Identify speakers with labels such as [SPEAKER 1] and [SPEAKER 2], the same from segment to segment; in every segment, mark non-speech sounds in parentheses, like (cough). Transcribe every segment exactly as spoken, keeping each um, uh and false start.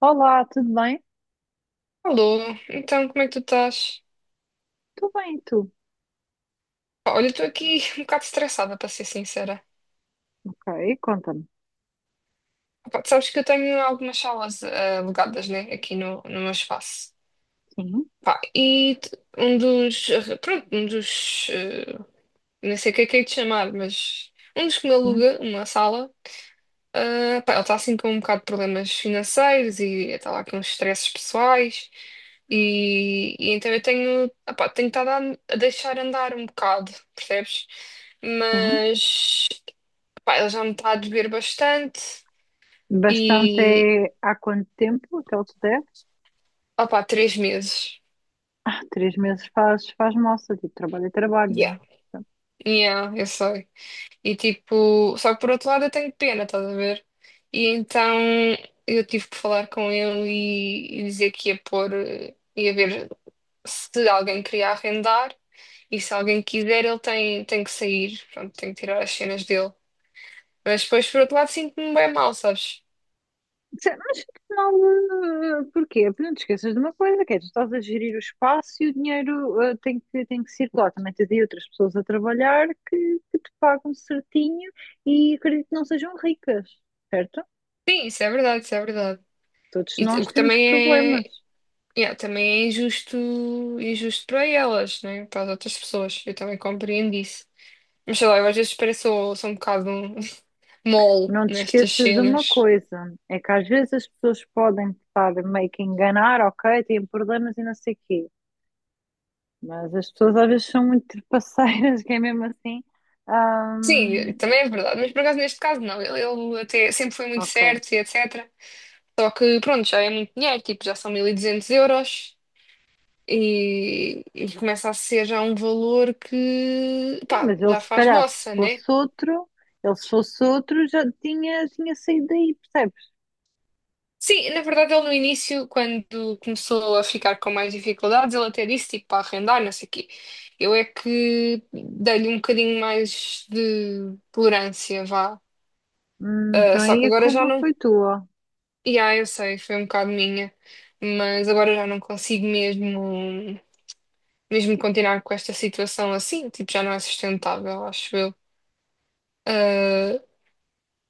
[SPEAKER 1] Olá, tudo bem?
[SPEAKER 2] Alô, então como é que tu estás?
[SPEAKER 1] Tudo bem, e tu?
[SPEAKER 2] Pá, olha, estou aqui (laughs) um bocado estressada, para ser sincera.
[SPEAKER 1] Ok, conta-me.
[SPEAKER 2] Pá, tu sabes que eu tenho algumas salas eh, alugadas, né, aqui no, no meu espaço.
[SPEAKER 1] Sim,
[SPEAKER 2] Pá, e t- um dos, pronto, um dos, eh, não sei o que é que é de chamar, mas um dos que me
[SPEAKER 1] sim,
[SPEAKER 2] aluga uma sala. Ah, pá, ela está assim com um bocado de problemas financeiros e está lá com uns estresses pessoais e, e então eu tenho, ah, pá, tenho estado a, a deixar andar um bocado, percebes?
[SPEAKER 1] sim.
[SPEAKER 2] Mas, pá, ela já me está a beber bastante
[SPEAKER 1] Bastante
[SPEAKER 2] e,
[SPEAKER 1] é há quanto tempo aquele te der?
[SPEAKER 2] ah, pá, três meses.
[SPEAKER 1] Três meses faz, faz moça, tipo, trabalho é trabalho, não é?
[SPEAKER 2] Yeah. Yeah, eu sei. E tipo, só que por outro lado eu tenho pena, estás a ver? E então eu tive que falar com ele e, e dizer que ia pôr, eh, ia ver se alguém queria arrendar, e se alguém quiser, ele tem, tem que sair, pronto, tem que tirar as cenas dele. Mas depois, por outro lado, sinto-me bem mal, sabes?
[SPEAKER 1] Sim, mas afinal, eh, porquê? Porque não te esqueças de uma coisa, que é, tu estás a gerir o espaço e o dinheiro eh, tem que, tem que circular. Também tens aí outras pessoas a trabalhar que, que te pagam certinho e acredito que não sejam ricas, certo?
[SPEAKER 2] Sim, isso é verdade, isso é verdade.
[SPEAKER 1] Todos
[SPEAKER 2] E t- o
[SPEAKER 1] nós
[SPEAKER 2] que
[SPEAKER 1] temos
[SPEAKER 2] também
[SPEAKER 1] problemas.
[SPEAKER 2] é, yeah, também é injusto, injusto para elas, né? Para as outras pessoas. Eu também compreendo isso. Mas sei lá, eu às vezes pareço, sou um bocado (laughs) mole
[SPEAKER 1] Não te
[SPEAKER 2] nestas
[SPEAKER 1] esqueças de uma
[SPEAKER 2] cenas.
[SPEAKER 1] coisa, é que às vezes as pessoas podem estar meio que a enganar, ok, têm problemas e não sei o quê, mas as pessoas às vezes são muito trapaceiras, (laughs) que é mesmo assim.
[SPEAKER 2] Sim,
[SPEAKER 1] ahm,
[SPEAKER 2] também é verdade, mas por acaso neste caso não. Ele, ele até sempre foi muito
[SPEAKER 1] ok.
[SPEAKER 2] certo e e tal. Só que pronto, já é muito dinheiro, tipo, já são mil e duzentos euros e, e começa a ser já um valor que,
[SPEAKER 1] Sim,
[SPEAKER 2] pá,
[SPEAKER 1] mas ele
[SPEAKER 2] já
[SPEAKER 1] se
[SPEAKER 2] faz
[SPEAKER 1] calhar, se
[SPEAKER 2] moça, né?
[SPEAKER 1] fosse outro, ele se fosse outro, já tinha, tinha saído daí, percebes?
[SPEAKER 2] Sim, na verdade ele no início, quando começou a ficar com mais dificuldades, ele até disse, tipo, para arrendar, não sei o quê. Eu é que dei-lhe um bocadinho mais de tolerância, vá.
[SPEAKER 1] Hum,
[SPEAKER 2] Ah,
[SPEAKER 1] então
[SPEAKER 2] só
[SPEAKER 1] aí
[SPEAKER 2] que
[SPEAKER 1] a
[SPEAKER 2] agora já
[SPEAKER 1] culpa
[SPEAKER 2] não...
[SPEAKER 1] foi tua.
[SPEAKER 2] E ah, eu sei, foi um bocado minha, mas agora já não consigo mesmo. mesmo continuar com esta situação assim, tipo, já não é sustentável, acho eu. Ah,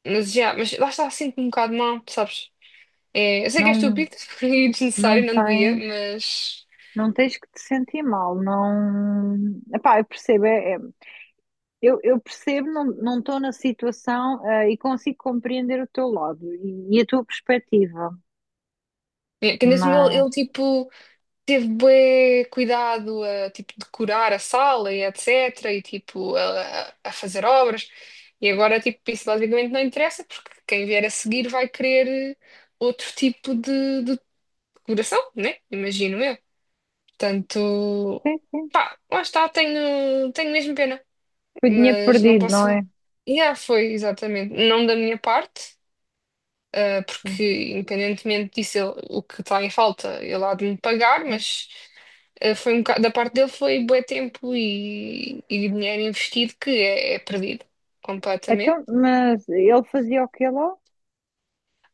[SPEAKER 2] mas já, mas lá está, sinto-me um bocado mal, sabes? É, eu sei que é
[SPEAKER 1] Não,
[SPEAKER 2] estúpido (laughs) e
[SPEAKER 1] não
[SPEAKER 2] desnecessário, não devia,
[SPEAKER 1] tens,
[SPEAKER 2] mas.
[SPEAKER 1] não tens que te sentir mal, não. Epá, eu percebo, é, é- Eu, eu percebo, não não estou na situação, eh, e consigo compreender o teu lado e, e a tua perspectiva,
[SPEAKER 2] É, que nesse meu, ele,
[SPEAKER 1] mas
[SPEAKER 2] tipo, teve bué cuidado a, tipo, decorar a sala e etcétera. E, tipo, a, a fazer obras. E agora, tipo, isso basicamente não interessa, porque quem vier a seguir vai querer outro tipo de, de decoração, né? Imagino eu. Portanto.
[SPEAKER 1] sim, sim,
[SPEAKER 2] Lá está, tenho, tenho mesmo pena,
[SPEAKER 1] foi dinheiro
[SPEAKER 2] mas não
[SPEAKER 1] perdido,
[SPEAKER 2] posso.
[SPEAKER 1] não é?
[SPEAKER 2] Yeah, foi exatamente. Não da minha parte, ah,
[SPEAKER 1] Sim,
[SPEAKER 2] porque independentemente disso, ele- o que está em falta, ele há de me pagar,
[SPEAKER 1] sim.
[SPEAKER 2] mas ah, foi um bocado, da parte dele foi bué tempo e, e dinheiro investido que é, é perdido completamente.
[SPEAKER 1] Então, mas ele fazia o quê lá?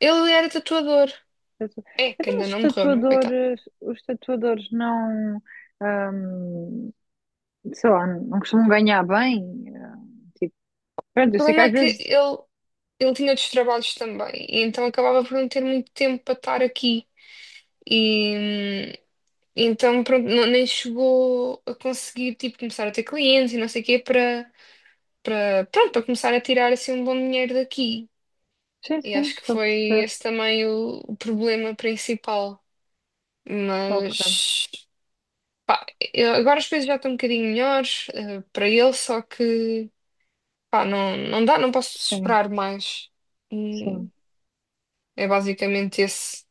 [SPEAKER 2] Ele era tatuador,
[SPEAKER 1] Tatu-.
[SPEAKER 2] é, que
[SPEAKER 1] Então,
[SPEAKER 2] ainda
[SPEAKER 1] os
[SPEAKER 2] não morreu, não é? Coitado.
[SPEAKER 1] tatuadores, os tatuadores não, ahm, sei lá, não costumam ganhar bem. eh, Tipo,
[SPEAKER 2] O
[SPEAKER 1] pronto, eu sei que
[SPEAKER 2] problema
[SPEAKER 1] às
[SPEAKER 2] é que
[SPEAKER 1] vezes.
[SPEAKER 2] ele, ele tinha outros trabalhos também, e então acabava por não ter muito tempo para estar aqui. E hum, então, pronto, não- nem chegou a conseguir, tipo, começar a ter clientes e não sei o quê para, para, pronto, para começar a tirar, assim, um bom dinheiro daqui.
[SPEAKER 1] Sim,
[SPEAKER 2] E
[SPEAKER 1] sim,
[SPEAKER 2] acho que
[SPEAKER 1] estou a
[SPEAKER 2] foi
[SPEAKER 1] perceber.
[SPEAKER 2] esse também o, o problema principal.
[SPEAKER 1] Ok,
[SPEAKER 2] Mas, pá, eu- agora as coisas já estão um bocadinho melhores, eh, para ele, só que, pá, não, não dá, não posso
[SPEAKER 1] sim,
[SPEAKER 2] esperar mais. Hum,
[SPEAKER 1] sim.
[SPEAKER 2] É basicamente esse,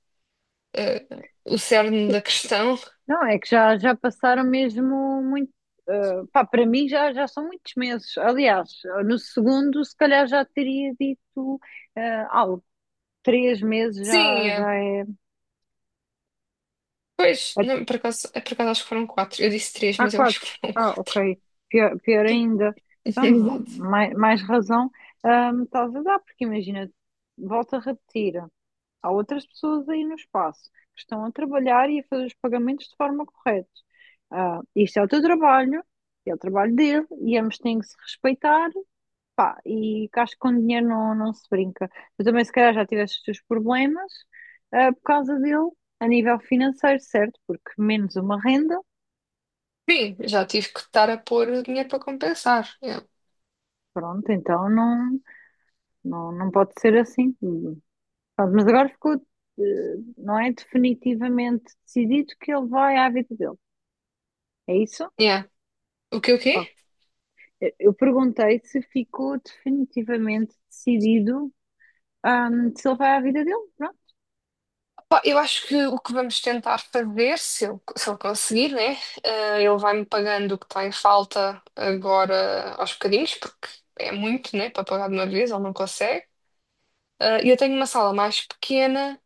[SPEAKER 2] eh, o cerne da questão.
[SPEAKER 1] Não, é que já, já passaram mesmo muito. Eh, pá, para mim já, já são muitos meses. Aliás, no segundo, se calhar já teria dito eh, algo. Três meses já,
[SPEAKER 2] Sim,
[SPEAKER 1] já é.
[SPEAKER 2] pois, não, por acaso, é, por acaso acho que foram quatro. Eu disse três,
[SPEAKER 1] Há
[SPEAKER 2] mas eu acho
[SPEAKER 1] quatro.
[SPEAKER 2] que foram
[SPEAKER 1] Ah,
[SPEAKER 2] quatro.
[SPEAKER 1] ok. Pior, pior ainda.
[SPEAKER 2] (laughs)
[SPEAKER 1] Então,
[SPEAKER 2] Exato.
[SPEAKER 1] mais, mais razão, ah, me estás a dar, porque imagina, volto a repetir. Há outras pessoas aí no espaço que estão a trabalhar e a fazer os pagamentos de forma correta. Ah, isto é o teu trabalho, é o trabalho dele, e ambos têm que se respeitar, pá, e que acho que com dinheiro não, não se brinca. Tu também, se calhar, já tiveste os teus problemas, ah, por causa dele, a nível financeiro, certo? Porque menos uma renda,
[SPEAKER 2] Sim, já tive que estar a pôr dinheiro para compensar. Yeah.
[SPEAKER 1] pronto, então não, não, não, pode ser assim. Pronto, mas agora ficou, eh, não é definitivamente decidido que ele vai à vida dele. É isso?
[SPEAKER 2] Yeah. O que o quê?
[SPEAKER 1] Eu eu perguntei se ficou definitivamente decidido, ahm, se ele vai à vida dele. Pronto.
[SPEAKER 2] Pá, eu acho que o que vamos tentar fazer, se eu, se eu conseguir, né? eh, ele vai-me pagando o que está em falta agora aos bocadinhos, porque é muito, né? Para pagar de uma vez, ele não consegue. Eh, E eu tenho uma sala mais pequena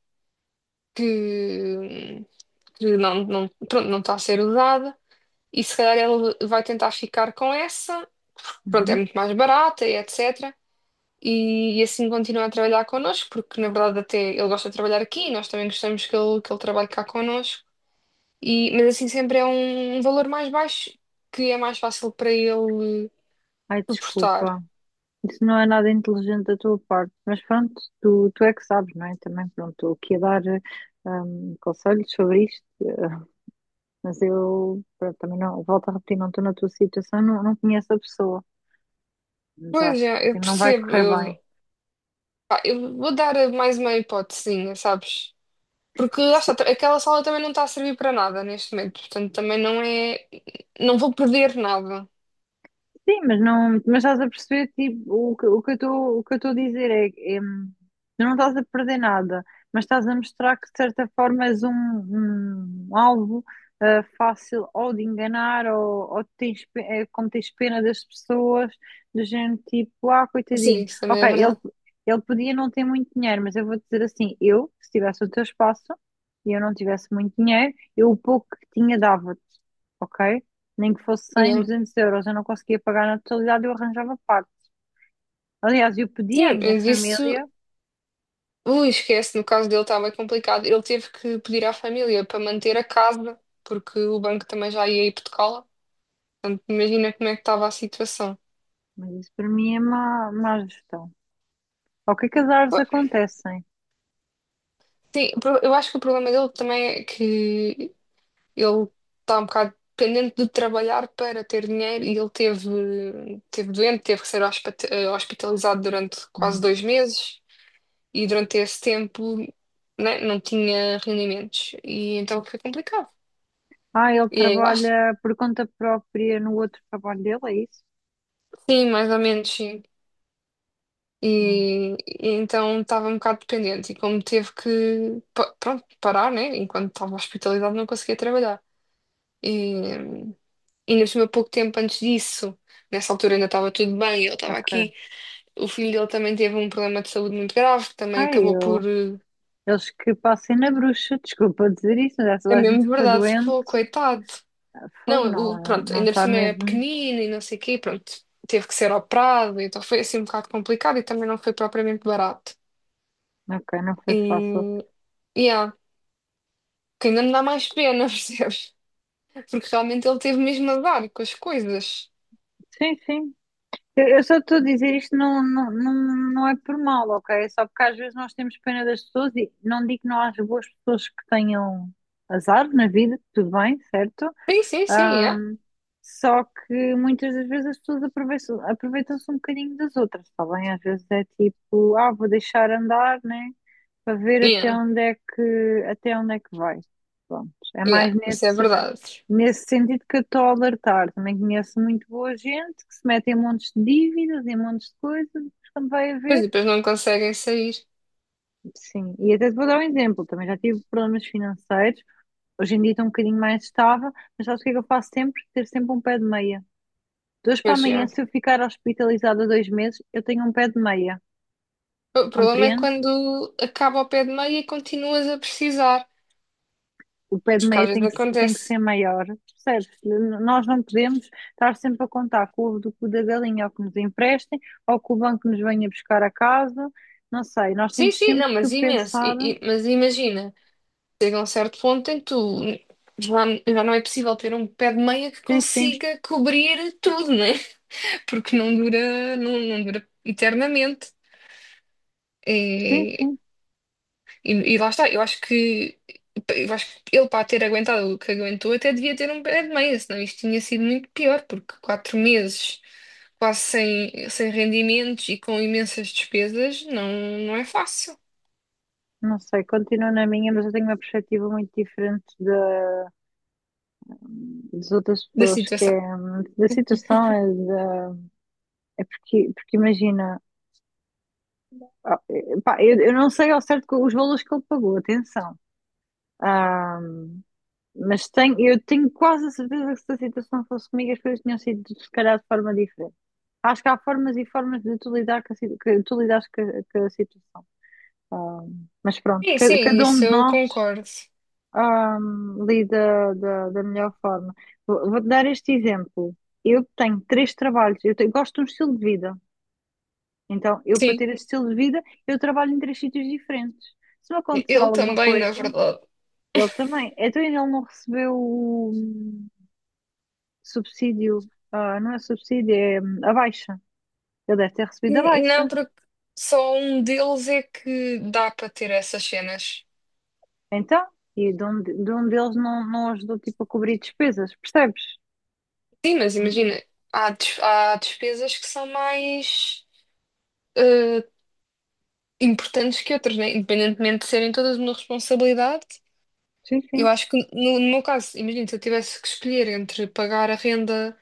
[SPEAKER 2] que, que não, não, pronto, não está a ser usada. E se calhar ele vai tentar ficar com essa, pronto, é
[SPEAKER 1] Uhum.
[SPEAKER 2] muito mais barata e etcétera. E, e assim continua a trabalhar connosco, porque na verdade até ele gosta de trabalhar aqui e nós também gostamos que ele, que ele trabalhe cá connosco. E, mas assim sempre é um, um valor mais baixo que é mais fácil para ele
[SPEAKER 1] Ai,
[SPEAKER 2] suportar.
[SPEAKER 1] desculpa. Isso não é nada inteligente da tua parte, mas pronto, tu, tu é que sabes, não é? Também, pronto, estou aqui a dar eh, ahm, conselhos sobre isto, mas eu, pronto, também não, volto a repetir, não estou na tua situação, não, não conheço a pessoa, mas
[SPEAKER 2] Pois
[SPEAKER 1] acho
[SPEAKER 2] é, eu
[SPEAKER 1] que não vai
[SPEAKER 2] percebo,
[SPEAKER 1] correr
[SPEAKER 2] eu,
[SPEAKER 1] bem.
[SPEAKER 2] pá, eu vou dar mais uma hipotesinha, sabes? Porque lá está, aquela sala também não está a servir para nada neste momento, portanto também não é, não vou perder nada.
[SPEAKER 1] Sim, mas não, mas estás a perceber, tipo, o que, o que eu estou, o que eu estou a dizer é, que, hum, tu não estás a perder nada, mas estás a mostrar que de certa forma és um, um alvo ah, fácil ou de enganar ou, ou tens, pe- eh, como tens pena das pessoas, do género tipo, ah, coitadinho.
[SPEAKER 2] Sim, isso também
[SPEAKER 1] Ok,
[SPEAKER 2] é
[SPEAKER 1] ele,
[SPEAKER 2] verdade.
[SPEAKER 1] ele podia não ter muito dinheiro, mas eu vou dizer assim, eu, se tivesse o teu espaço e eu não tivesse muito dinheiro, eu o pouco que tinha dava-te, ok? Nem que fosse cem,
[SPEAKER 2] Yeah.
[SPEAKER 1] duzentos euros, eu não conseguia pagar na totalidade, eu arranjava parte. Aliás, eu pedi à
[SPEAKER 2] Sim,
[SPEAKER 1] minha
[SPEAKER 2] mas isso,
[SPEAKER 1] família,
[SPEAKER 2] ui, esquece, no caso dele estava complicado. Ele teve que pedir à família para manter a casa, porque o banco também já ia hipotecá-la. Portanto, imagina como é que estava a situação.
[SPEAKER 1] mas isso para mim é má, má gestão. Ao que é que as árvores
[SPEAKER 2] Pô,
[SPEAKER 1] acontecem?
[SPEAKER 2] sim, o pro- eu acho que o problema dele também é que ele está um bocado dependente de trabalhar para ter dinheiro e ele teve, teve doente, teve que ser hospita- eh, hospitalizado durante quase
[SPEAKER 1] Hum.
[SPEAKER 2] dois meses. E durante esse tempo, né, não tinha rendimentos e então foi complicado.
[SPEAKER 1] Ah, ele
[SPEAKER 2] E aí lá, est-
[SPEAKER 1] trabalha por conta própria no outro trabalho dele, é isso?
[SPEAKER 2] sim, mais ou menos, sim. E,
[SPEAKER 1] Hum,
[SPEAKER 2] e então estava um bocado dependente e como teve que, pa- pronto, parar, né, enquanto estava hospitalizado não conseguia trabalhar. E, e nesse meu pouco tempo antes disso, nessa altura ainda estava tudo bem, ele estava
[SPEAKER 1] ok.
[SPEAKER 2] aqui, o filho dele também teve um problema de saúde muito grave, que também
[SPEAKER 1] Ah,
[SPEAKER 2] acabou por...
[SPEAKER 1] eu.
[SPEAKER 2] eh,
[SPEAKER 1] Eles que passem na bruxa, desculpa dizer isso, mas essa
[SPEAKER 2] É
[SPEAKER 1] a gente
[SPEAKER 2] mesmo
[SPEAKER 1] fica
[SPEAKER 2] verdade,
[SPEAKER 1] doente.
[SPEAKER 2] pô, coitado.
[SPEAKER 1] Ah, fogo,
[SPEAKER 2] Não, o,
[SPEAKER 1] não,
[SPEAKER 2] pronto,
[SPEAKER 1] não
[SPEAKER 2] ainda por
[SPEAKER 1] está
[SPEAKER 2] cima é
[SPEAKER 1] mesmo.
[SPEAKER 2] pequenino e não sei o quê, pronto, teve que ser operado, então foi assim um bocado complicado e também não foi propriamente barato.
[SPEAKER 1] Ok, não foi fácil.
[SPEAKER 2] E, e há, que ainda me dá mais pena, (laughs) percebes? Porque realmente ele teve mesmo a dar com as coisas.
[SPEAKER 1] Sim, sim. Eu eu só estou a dizer isto não, não, não, não é por mal, ok? É só porque às vezes nós temos pena das pessoas e não digo que não haja boas pessoas que tenham azar na vida, tudo bem, certo?
[SPEAKER 2] Sim, sim, sim, yeah.
[SPEAKER 1] Ahm, Só que muitas das vezes as pessoas aproveitam- aproveitam-se um bocadinho das outras, está bem? Às vezes é tipo, ah, vou deixar andar, né? Para ver até
[SPEAKER 2] Yeah,
[SPEAKER 1] onde é que, até onde é que vai. Pronto, é mais
[SPEAKER 2] yeah, isso é
[SPEAKER 1] nesse.
[SPEAKER 2] verdade.
[SPEAKER 1] Nesse sentido que eu estou a alertar, também conheço muito boa gente que se mete em montes de dívidas, em montes de coisas, mas quando vai a
[SPEAKER 2] Pois
[SPEAKER 1] ver,
[SPEAKER 2] e depois não conseguem sair.
[SPEAKER 1] sim. E até te vou dar um exemplo, também já tive problemas financeiros, hoje em dia estou um bocadinho mais estável, mas sabes o que é que eu faço sempre? Ter sempre um pé de meia. De hoje para
[SPEAKER 2] Pois
[SPEAKER 1] amanhã,
[SPEAKER 2] é.
[SPEAKER 1] se eu ficar hospitalizada dois meses, eu tenho um pé de meia,
[SPEAKER 2] O problema é
[SPEAKER 1] compreende?
[SPEAKER 2] quando acaba ao pé de meia e continuas a precisar,
[SPEAKER 1] O pé de
[SPEAKER 2] porque
[SPEAKER 1] meia
[SPEAKER 2] às vezes
[SPEAKER 1] tem que, se- tem que
[SPEAKER 2] acontece.
[SPEAKER 1] ser maior, percebes? N- Nós não podemos estar sempre a contar com o ovo do cu da galinha, ou que nos emprestem, ou que o banco nos venha buscar a casa, não sei, nós
[SPEAKER 2] Sim,
[SPEAKER 1] temos
[SPEAKER 2] sim,
[SPEAKER 1] sempre
[SPEAKER 2] não,
[SPEAKER 1] que
[SPEAKER 2] mas imenso,
[SPEAKER 1] pensar,
[SPEAKER 2] e e mas imagina. Chega a um certo ponto em que tu já, já não é possível ter um pé de meia que
[SPEAKER 1] sim, sim,
[SPEAKER 2] consiga cobrir tudo, né? (laughs) Porque não dura, não, não dura eternamente.
[SPEAKER 1] sim,
[SPEAKER 2] É,
[SPEAKER 1] sim,
[SPEAKER 2] e, e lá está, eu acho que eu acho que ele para ter aguentado o que aguentou até devia ter um pé de meia, senão isto tinha sido muito pior, porque quatro meses quase sem, sem rendimentos e com imensas despesas não, não é fácil
[SPEAKER 1] não sei, continuo na minha, mas eu tenho uma perspectiva muito diferente da, das outras
[SPEAKER 2] da
[SPEAKER 1] pessoas, que
[SPEAKER 2] situação.
[SPEAKER 1] é hum, da situação, é, da- é porque, porque imagina, ah, eh, pá, eu, eu não sei ao certo co- os valores que ele pagou, atenção. Ah, mas tenho, eu tenho quase a certeza que se a situação fosse comigo, as coisas tinham sido, se calhar, de forma diferente. Acho que há formas e formas de tu lidar com a, si- que tu lidares com a, com a situação. Ah, mas pronto,
[SPEAKER 2] Sim,
[SPEAKER 1] ca-
[SPEAKER 2] sim,
[SPEAKER 1] cada um
[SPEAKER 2] isso
[SPEAKER 1] de
[SPEAKER 2] eu
[SPEAKER 1] nós,
[SPEAKER 2] concordo.
[SPEAKER 1] ah, lida da, da melhor forma. Vou- Vou-te dar este exemplo. Eu tenho três trabalhos, eu tenho- gosto de um estilo de vida. Então, eu para
[SPEAKER 2] Sim,
[SPEAKER 1] ter esse estilo de vida, eu trabalho em três sítios diferentes. Se me acontecer
[SPEAKER 2] eu
[SPEAKER 1] alguma
[SPEAKER 2] também, na
[SPEAKER 1] coisa,
[SPEAKER 2] verdade.
[SPEAKER 1] ele também. Então, ele não recebeu subsídio, ah, não é subsídio, é hum, a baixa. Ele deve ter recebido a
[SPEAKER 2] N- Não,
[SPEAKER 1] baixa.
[SPEAKER 2] porque só um deles é que dá para ter essas cenas.
[SPEAKER 1] Então, e de um, de um deles não, não, ajudou tipo a cobrir despesas, percebes?
[SPEAKER 2] Sim, mas imagina, há, des- há despesas que são mais eh, importantes que outras, né? Independentemente de serem todas uma responsabilidade.
[SPEAKER 1] Sim,
[SPEAKER 2] Eu
[SPEAKER 1] sim.
[SPEAKER 2] acho que no, no meu caso, imagina, se eu tivesse que escolher entre pagar a renda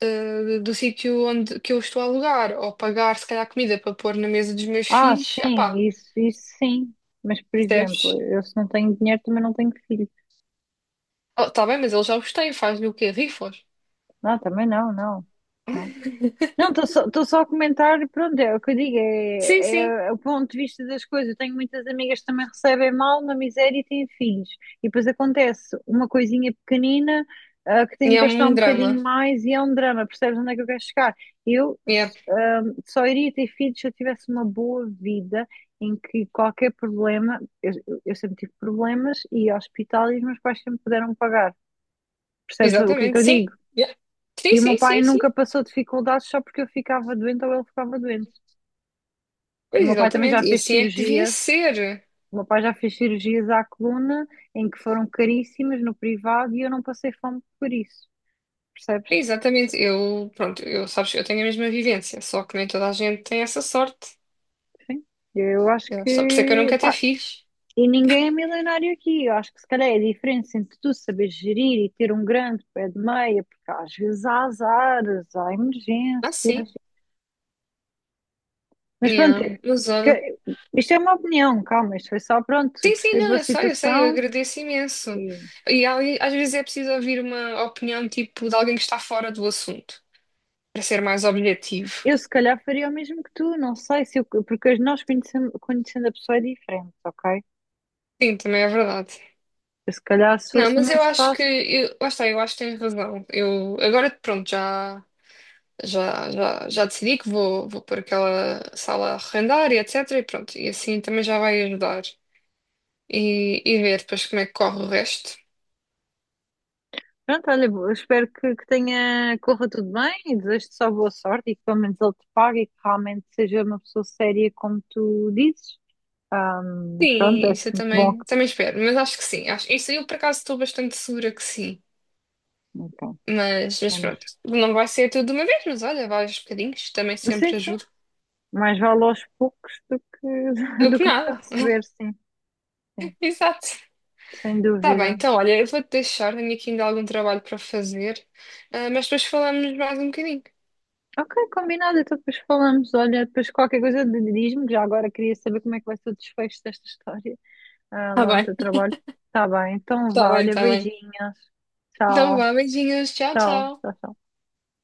[SPEAKER 2] eh, do sítio onde que eu estou a alugar ou pagar, se calhar, comida para pôr na mesa dos meus
[SPEAKER 1] Ah,
[SPEAKER 2] filhos, ah, pá,
[SPEAKER 1] sim, isso, isso sim. Mas, por exemplo,
[SPEAKER 2] percebes?
[SPEAKER 1] eu se não tenho dinheiro também não tenho filho.
[SPEAKER 2] Oh, tá bem, mas eles já os têm, faz-lhe o quê? Rifos?
[SPEAKER 1] Não, também não, não. Não. Não, estou só, tô só a comentar, pronto, é o que eu digo,
[SPEAKER 2] Sim, sim.
[SPEAKER 1] é, é o ponto de vista das coisas. Eu tenho muitas amigas que também recebem mal na miséria e têm filhos. E depois acontece uma coisinha pequenina, ah, que tem
[SPEAKER 2] E
[SPEAKER 1] que
[SPEAKER 2] é
[SPEAKER 1] gastar um
[SPEAKER 2] um drama.
[SPEAKER 1] bocadinho mais e é um drama, percebes onde é que eu quero chegar? Eu, s- ah, só iria ter filhos se eu tivesse uma boa vida em que qualquer problema, eu, eu sempre tive problemas e hospital e os meus pais sempre puderam pagar. Percebes o que é que
[SPEAKER 2] Exatamente,
[SPEAKER 1] eu
[SPEAKER 2] sim.
[SPEAKER 1] digo?
[SPEAKER 2] Yeah. Sim,
[SPEAKER 1] E o meu
[SPEAKER 2] sim,
[SPEAKER 1] pai
[SPEAKER 2] sim, sim.
[SPEAKER 1] nunca passou dificuldades só porque eu ficava doente ou ele ficava doente. E o
[SPEAKER 2] Pois,
[SPEAKER 1] meu pai também já
[SPEAKER 2] exatamente. E
[SPEAKER 1] fez
[SPEAKER 2] assim é que devia
[SPEAKER 1] cirurgias.
[SPEAKER 2] ser.
[SPEAKER 1] O meu pai já fez cirurgias à coluna em que foram caríssimas no privado e eu não passei fome por isso. Percebes?
[SPEAKER 2] Exatamente. Eu, pronto, eu, sabes, eu tenho a mesma vivência, só que nem toda a gente tem essa sorte.
[SPEAKER 1] Sim. Eu acho
[SPEAKER 2] Eu, só por isso é que eu não
[SPEAKER 1] que,
[SPEAKER 2] quero ter
[SPEAKER 1] pá,
[SPEAKER 2] filhos.
[SPEAKER 1] e ninguém é milionário aqui. Eu acho que se calhar é a diferença entre tu saber gerir e ter um grande pé de meia, porque às vezes há azares, há
[SPEAKER 2] Ah, sim.
[SPEAKER 1] emergências. Mas pronto,
[SPEAKER 2] Yeah.
[SPEAKER 1] é
[SPEAKER 2] Mas olha.
[SPEAKER 1] que- isto é uma opinião, calma, isto foi só pronto, eu
[SPEAKER 2] Sim, sim,
[SPEAKER 1] percebo
[SPEAKER 2] não,
[SPEAKER 1] a
[SPEAKER 2] eu sei, eu sei, eu
[SPEAKER 1] situação.
[SPEAKER 2] agradeço imenso.
[SPEAKER 1] Sim.
[SPEAKER 2] E ali, às vezes é preciso ouvir uma opinião, tipo, de alguém que está fora do assunto, para ser mais objetivo.
[SPEAKER 1] Eu se calhar faria o mesmo que tu, não sei se eu, porque nós conhecendo, conhecendo a pessoa é diferente, ok?
[SPEAKER 2] Sim, também é verdade.
[SPEAKER 1] Eu se calhar se
[SPEAKER 2] Não,
[SPEAKER 1] fosse
[SPEAKER 2] mas
[SPEAKER 1] num
[SPEAKER 2] eu acho que,
[SPEAKER 1] espaço,
[SPEAKER 2] eu, lá está, eu acho que tens razão. Eu, agora, pronto, já. já, já, já decidi que vou, vou pôr aquela sala a arrendar e e tal. E pronto, e assim também já vai ajudar. E, e ver depois como é que corre o resto.
[SPEAKER 1] pronto, olha, eu espero que, que tenha, corra tudo bem e desejo-te só boa sorte e que pelo menos ele te pague e que realmente seja uma pessoa séria como tu dizes. Ahm, pronto,
[SPEAKER 2] Sim,
[SPEAKER 1] é
[SPEAKER 2] isso eu
[SPEAKER 1] sempre bom
[SPEAKER 2] também,
[SPEAKER 1] que,
[SPEAKER 2] também espero, mas acho que sim. Acho, isso eu por acaso estou bastante segura que sim.
[SPEAKER 1] então,
[SPEAKER 2] Mas, mas
[SPEAKER 1] menos.
[SPEAKER 2] pronto, não vai ser tudo de uma vez, mas olha, vários bocadinhos também
[SPEAKER 1] Sim,
[SPEAKER 2] sempre
[SPEAKER 1] sim,
[SPEAKER 2] ajuda.
[SPEAKER 1] mais vale aos poucos do que, (laughs)
[SPEAKER 2] Do
[SPEAKER 1] do
[SPEAKER 2] que
[SPEAKER 1] que nunca
[SPEAKER 2] nada.
[SPEAKER 1] receber, sim, sim,
[SPEAKER 2] (laughs) Exato.
[SPEAKER 1] sem
[SPEAKER 2] Tá bem,
[SPEAKER 1] dúvida.
[SPEAKER 2] então olha, eu vou-te deixar, tenho aqui ainda algum trabalho para fazer, ah, mas depois falamos mais um bocadinho.
[SPEAKER 1] Ok, combinado. Então depois falamos. Olha, depois qualquer coisa de- diz-me. Já agora queria saber como é que vai ser o desfecho desta história, ah,
[SPEAKER 2] Tá
[SPEAKER 1] lá no
[SPEAKER 2] bem,
[SPEAKER 1] teu trabalho. Tá bem, então
[SPEAKER 2] tá
[SPEAKER 1] vá.
[SPEAKER 2] bem,
[SPEAKER 1] Olha,
[SPEAKER 2] tá bem.
[SPEAKER 1] beijinhos.
[SPEAKER 2] Então,
[SPEAKER 1] Tchau,
[SPEAKER 2] vá, beijinhos. Tchau,
[SPEAKER 1] tchau,
[SPEAKER 2] tchau.
[SPEAKER 1] tchau. Tchau.